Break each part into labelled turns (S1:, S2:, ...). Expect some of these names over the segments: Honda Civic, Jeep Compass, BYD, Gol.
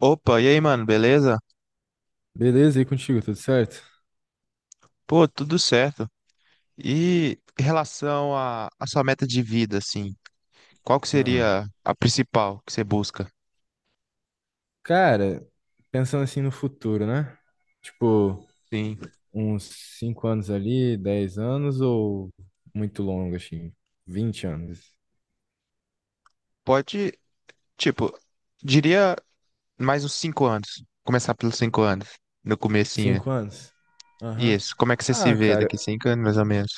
S1: Opa, e aí, mano, beleza?
S2: Beleza, e contigo, tudo certo?
S1: Pô, tudo certo. E em relação à sua meta de vida, assim, qual que
S2: Ah,
S1: seria a principal que você busca?
S2: cara, pensando assim no futuro, né? Tipo,
S1: Sim.
S2: uns 5 anos ali, 10 anos ou muito longo, assim, 20 anos?
S1: Pode, tipo, diria mais uns cinco anos. Começar pelos cinco anos, no comecinho.
S2: 5 anos? Aham.
S1: Isso, como é que você se
S2: Ah,
S1: vê
S2: cara,
S1: daqui cinco anos, mais ou menos?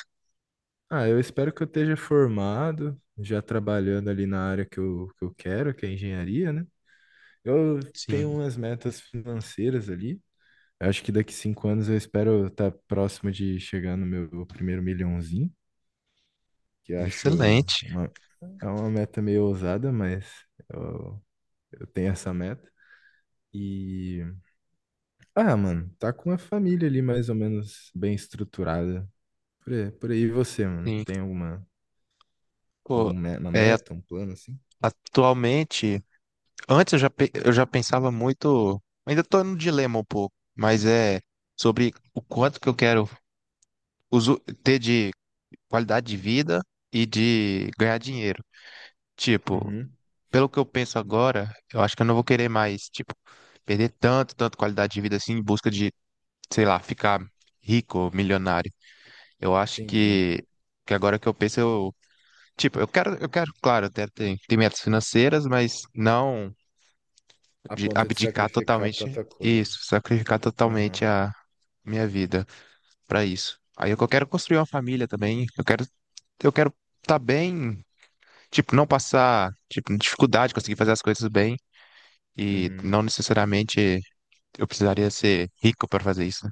S2: ah, eu espero que eu esteja formado, já trabalhando ali na área que eu quero, que é engenharia, né? Eu tenho
S1: Sim,
S2: umas metas financeiras ali. Acho que daqui 5 anos eu espero estar próximo de chegar no meu primeiro milhãozinho. Que eu acho
S1: excelente.
S2: uma, é uma meta meio ousada, mas eu, eu tenho essa meta. E, ah, mano, tá com a família ali mais ou menos bem estruturada. Por aí, por aí, e você, mano,
S1: Sim.
S2: tem alguma,
S1: Pô,
S2: alguma uma
S1: é,
S2: meta, um plano assim?
S1: atualmente. Antes eu já pensava muito, ainda tô no dilema um pouco, mas é sobre o quanto que eu quero ter de qualidade de vida e de ganhar dinheiro. Tipo,
S2: Uhum,
S1: pelo que eu penso agora, eu acho que eu não vou querer mais, tipo, perder tanto, tanto qualidade de vida assim em busca de, sei lá, ficar rico, milionário. Eu acho
S2: entendi.
S1: que agora que eu penso, eu, tipo, eu quero, claro, eu quero ter metas financeiras, mas não.
S2: A
S1: De
S2: ponto de
S1: abdicar
S2: sacrificar
S1: totalmente
S2: tanta coisa.
S1: isso, sacrificar
S2: Aham,
S1: totalmente a minha vida pra isso. Aí eu quero construir uma família também, eu quero tá bem, tipo, não passar tipo dificuldade, conseguir fazer as coisas bem e
S2: uhum,
S1: não necessariamente eu precisaria ser rico pra fazer isso, né?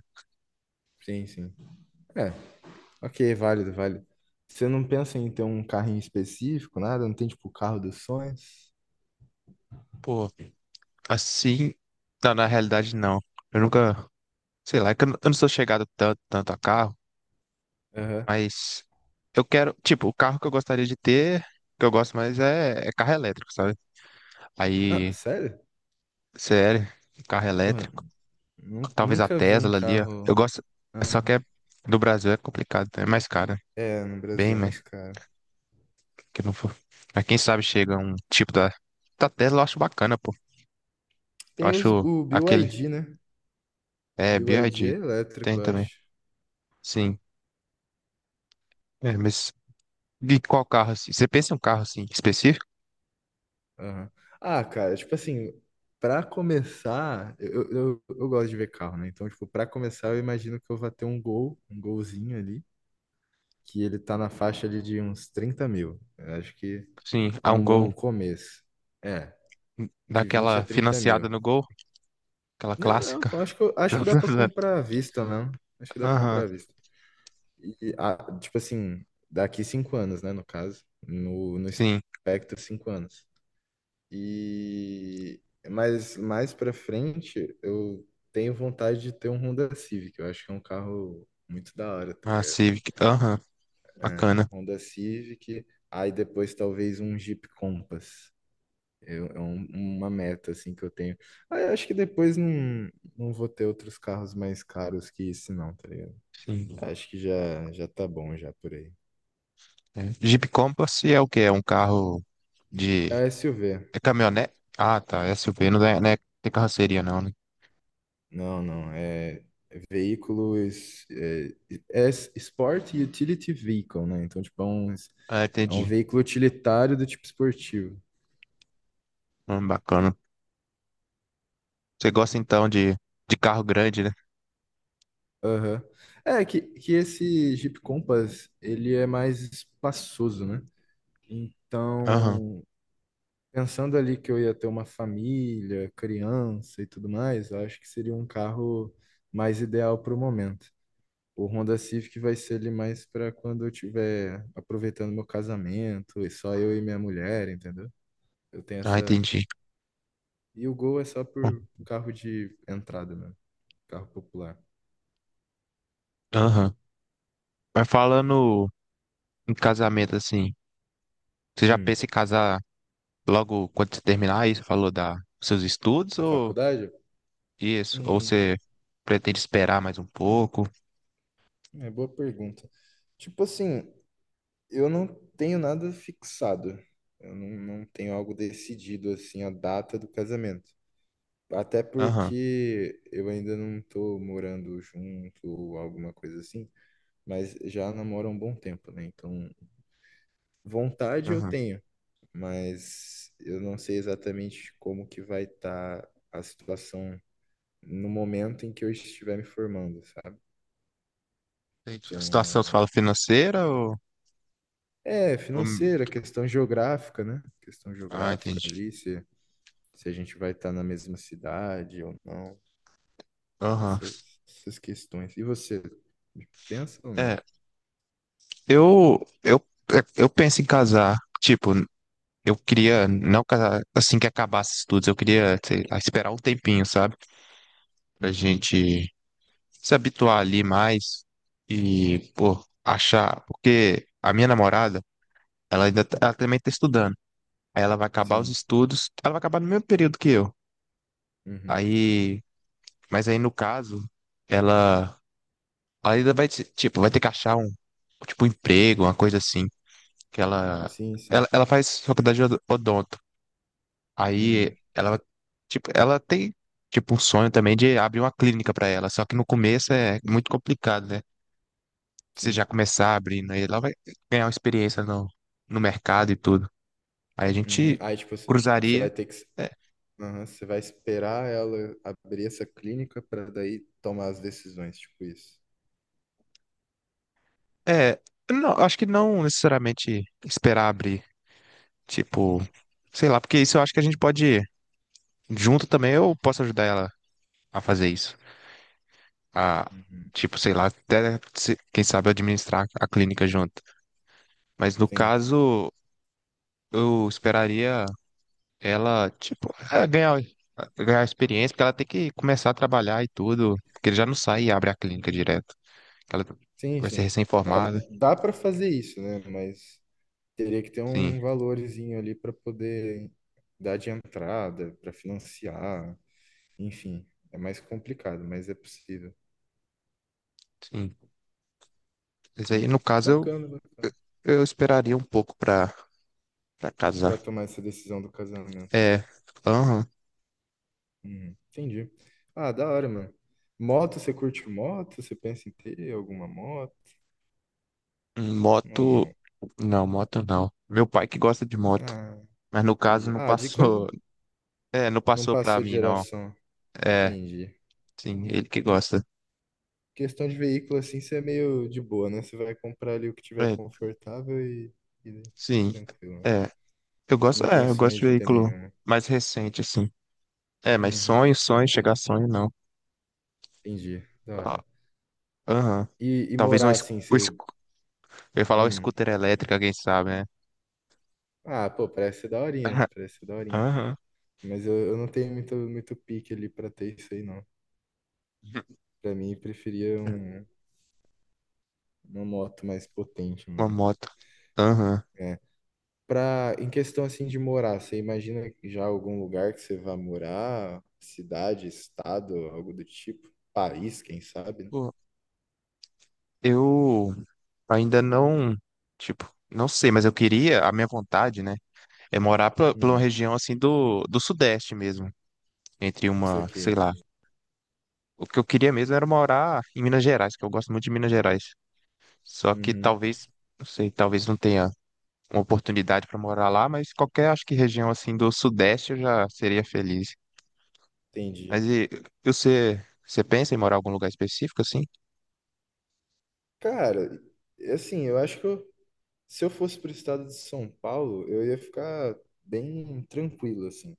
S2: sim, sim. É, ok, válido, válido. Você não pensa em ter um carrinho específico, nada? Não tem, tipo, o carro dos sonhos?
S1: Pô, assim, não, na realidade não. Eu nunca, sei lá, é que eu não sou chegado tanto, tanto a carro,
S2: Aham.
S1: mas eu quero, tipo, o carro que eu gostaria de ter, que eu gosto mais é carro elétrico, sabe?
S2: Ah,
S1: Aí
S2: sério?
S1: CL, carro
S2: Porra,
S1: elétrico, talvez a
S2: Nunca vi um
S1: Tesla ali, ó. Eu
S2: carro.
S1: gosto, só que
S2: Aham.
S1: é, do Brasil é complicado, né? É mais caro,
S2: É, no
S1: bem,
S2: Brasil, é
S1: mas
S2: mais caro.
S1: que não for. Mas quem sabe chega um tipo da, da Tesla, eu acho bacana, pô. Eu
S2: Tem os,
S1: acho
S2: o
S1: aquele,
S2: BYD, né?
S1: é,
S2: BYD é
S1: BYD, tem
S2: elétrico, eu
S1: também,
S2: acho.
S1: sim. É, mas de qual carro, assim? Você pensa em um carro, assim, específico?
S2: Aham. Ah, cara, tipo assim, pra começar, eu gosto de ver carro, né? Então, tipo, pra começar, eu imagino que eu vá ter um Gol, um Golzinho ali, que ele tá na faixa ali de uns 30 mil. Eu acho que
S1: Sim,
S2: é
S1: há um
S2: um bom
S1: Gol,
S2: começo. É, de 20 a
S1: daquela
S2: 30
S1: financiada
S2: mil.
S1: no Gol, aquela
S2: Não, não,
S1: clássica.
S2: eu acho que, acho que dá pra comprar à vista, né? Acho que dá pra
S1: Aham,
S2: comprar à vista. E, ah, tipo assim, daqui 5 anos, né, no caso, no
S1: sim,
S2: espectro, 5 anos. E mas mais para frente, eu tenho vontade de ter um Honda Civic. Eu acho que é um carro muito da hora, tá
S1: a
S2: ligado?
S1: Civic, aham,
S2: É,
S1: bacana,
S2: Honda Civic, aí depois talvez um Jeep Compass. Eu- é um- uma meta assim que eu tenho. Aí eu acho que depois não, não vou ter outros carros mais caros que esse não, tá ligado?
S1: sim.
S2: Acho que já já tá bom já por aí.
S1: É. Jeep Compass é o que É um carro
S2: É
S1: de.
S2: SUV.
S1: É caminhonete? Ah, tá. SUV não é, tem carroceria, não, né?
S2: Não, não. É veículos. É Sport Utility Vehicle, né? Então, tipo,
S1: Ah,
S2: é um
S1: entendi.
S2: veículo utilitário do tipo esportivo.
S1: Bacana. Você gosta então de carro grande, né?
S2: Aham. É que esse Jeep Compass, ele é mais espaçoso, né?
S1: Aham.
S2: Então, pensando ali que eu ia ter uma família, criança e tudo mais, eu acho que seria um carro mais ideal para o momento. O Honda Civic vai ser ali mais pra quando eu tiver aproveitando meu casamento, e só eu e minha mulher, entendeu? Eu tenho
S1: Ah,
S2: essa.
S1: entendi.
S2: E o Gol é só
S1: Hum,
S2: por carro de entrada, né? Carro popular.
S1: Aham. Mas falando em casamento, assim, você já
S2: Hum.
S1: pensa em casar logo quando você terminar isso? Falou da dos seus estudos
S2: A
S1: ou
S2: faculdade?
S1: isso? Ou
S2: Hum,
S1: você pretende esperar mais um pouco?
S2: é boa pergunta. Tipo assim, eu não tenho nada fixado. Eu não tenho algo decidido, assim, a data do casamento. Até
S1: Aham.
S2: porque eu ainda não tô morando junto ou alguma coisa assim. Mas já namoro há um bom tempo, né? Então, vontade eu
S1: Aham.
S2: tenho, mas eu não sei exatamente como que vai estar a situação no momento em que eu estiver me formando, sabe?
S1: Entendi. A situação, você
S2: Então,
S1: fala financeira ou.
S2: é
S1: Ou-
S2: financeira, questão geográfica, né? Questão
S1: ah,
S2: geográfica
S1: entendi.
S2: ali, se a gente vai estar na mesma cidade ou não, tem
S1: Aham.
S2: essas questões. E você, pensa ou não?
S1: É, eu, é, eu penso em casar. Tipo, eu queria não casar assim que acabasse os estudos. Eu queria, sei lá, esperar um tempinho, sabe? Pra
S2: Uhum,
S1: gente se habituar ali mais e, pô, achar. Porque a minha namorada, ela também tá estudando. Aí ela vai acabar os
S2: sim,
S1: estudos. Ela vai acabar no mesmo período que eu.
S2: uhum,
S1: Aí, mas aí no caso, ela, ela ainda vai, tipo, vai ter que achar um, tipo, um emprego, uma coisa assim. que ela,
S2: sim,
S1: ela,
S2: sim,
S1: ela faz faculdade de odonto. Aí
S2: uhum,
S1: ela, tipo, ela tem, tipo, o sonho também de abrir uma clínica para ela, só que no começo é muito complicado, né? Você
S2: sim.
S1: já começar abrindo, aí ela vai ganhar uma experiência no, no mercado e tudo. Aí a
S2: Uhum.
S1: gente
S2: Aí, tipo, você vai
S1: cruzaria.
S2: ter que.
S1: É,
S2: Aham, você vai esperar ela abrir essa clínica para daí tomar as decisões, tipo isso.
S1: é, não, acho que não necessariamente esperar abrir, tipo, sei lá, porque isso eu acho que a gente pode, junto também, eu posso ajudar ela a fazer isso. A,
S2: Uhum.
S1: tipo, sei lá, até se- quem sabe administrar a clínica junto. Mas no
S2: Sim,
S1: caso, eu esperaria ela, tipo, é, ganhar experiência, porque ela tem que começar a trabalhar e tudo, porque ele já não sai e abre a clínica direto. Ela
S2: sim,
S1: vai ser
S2: sim. É,
S1: recém-formada.
S2: dá para fazer isso, né? Mas teria que ter
S1: Sim,
S2: um valorzinho ali para poder dar de entrada, para financiar, enfim, é mais complicado, mas é possível.
S1: sim. Mas aí, no
S2: Uhum.
S1: caso, eu,
S2: Bacana, bacana.
S1: eu esperaria um pouco pra, pra
S2: Para
S1: casar.
S2: tomar essa decisão do casamento, né?
S1: É, aham.
S2: Uhum. Entendi. Ah, da hora, mano. Moto, você curte moto? Você pensa em ter alguma moto? Ou
S1: Moto,
S2: não?
S1: não, moto não. Meu pai que gosta de moto.
S2: Ah,
S1: Mas no caso
S2: entendi.
S1: não
S2: Ah, de coisa.
S1: passou, é, não
S2: Não
S1: passou pra
S2: passou de
S1: mim, não.
S2: geração.
S1: É,
S2: Entendi.
S1: sim, ele que gosta.
S2: Questão de veículo, assim, você é meio de boa, né? Você vai comprar ali o que tiver
S1: É,
S2: confortável e
S1: sim,
S2: tranquilo, né?
S1: é. Eu gosto,
S2: Não tem
S1: é, eu gosto
S2: sonho
S1: de
S2: de ter
S1: veículo
S2: nenhuma.
S1: mais recente, assim. É, mas
S2: Uhum,
S1: sonho,
S2: isso
S1: sonho,
S2: aqui.
S1: chegar a sonho, não.
S2: Entendi. Da
S1: Ah,
S2: hora.
S1: aham.
S2: E
S1: Talvez
S2: morar, assim,
S1: um es-
S2: você.
S1: Eu ia falar um
S2: Hum.
S1: scooter elétrico, quem sabe, né?
S2: Ah, pô, parece ser daorinha. Parece ser daorinha.
S1: Aham.
S2: Mas eu não tenho muito, muito pique ali pra ter isso aí, não. Pra mim, preferia
S1: É,
S2: um, uma moto mais potente,
S1: uma
S2: mano.
S1: moto. Aham.
S2: É, pra, em questão assim de morar, você imagina já algum lugar que você vá morar? Cidade, estado, algo do tipo? País, quem sabe, né?
S1: Pô, eu ainda não, tipo, não sei, mas eu queria, a minha vontade, né, é morar pra, pra uma
S2: Hum,
S1: região assim do, do Sudeste mesmo, entre
S2: sei o
S1: uma, sei
S2: quê.
S1: lá, o que eu queria mesmo era morar em Minas Gerais, que eu gosto muito de Minas Gerais. Só que
S2: Uhum,
S1: talvez, não sei, talvez não tenha uma oportunidade para morar lá, mas qualquer, acho que região assim do Sudeste eu já seria feliz. Mas
S2: entendi.
S1: e você, você pensa em morar em algum lugar específico assim?
S2: Cara, assim, eu acho que se eu fosse pro estado de São Paulo, eu ia ficar bem tranquilo, assim.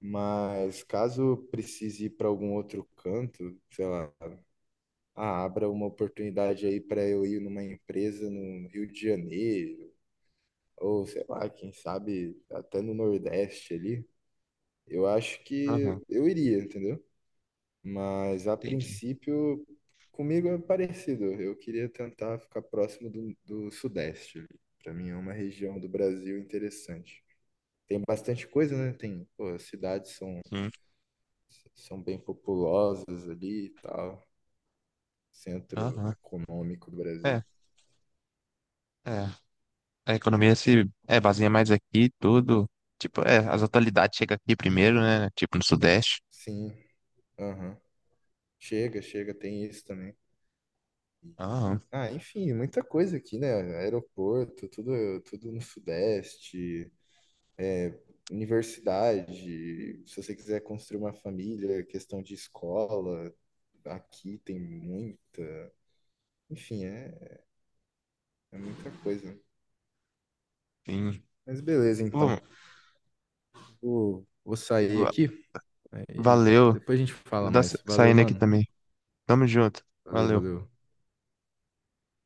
S2: Mas caso precise ir para algum outro canto, sei lá, ah, abra uma oportunidade aí para eu ir numa empresa no Rio de Janeiro. Ou sei lá, quem sabe até no Nordeste ali, eu acho que
S1: Aham,
S2: eu iria, entendeu? Mas a
S1: entendi.
S2: princípio, comigo é parecido. Eu queria tentar ficar próximo do Sudeste. Para mim é uma região do Brasil interessante. Tem bastante coisa, né? Tem, pô, as cidades são,
S1: Sim.
S2: são bem populosas ali e tal. Centro
S1: Aham.
S2: econômico do Brasil.
S1: É, é. A economia se é, baseia mais aqui, tudo. Tipo, é, as atualidades chegam aqui primeiro, né? Tipo, no Sudeste.
S2: Sim, aham. Chega, chega, tem isso também.
S1: Aham,
S2: Ah, enfim, muita coisa aqui, né? Aeroporto, tudo, tudo no Sudeste, universidade. Se você quiser construir uma família, questão de escola, aqui tem muito. Enfim, é muita coisa.
S1: sim.
S2: Mas beleza, então.
S1: Pô,
S2: Vou sair
S1: Va-
S2: aqui, aí
S1: valeu.
S2: depois a gente fala mais. Valeu,
S1: Saindo aqui
S2: mano.
S1: também. Tamo junto.
S2: Valeu,
S1: Valeu.
S2: valeu.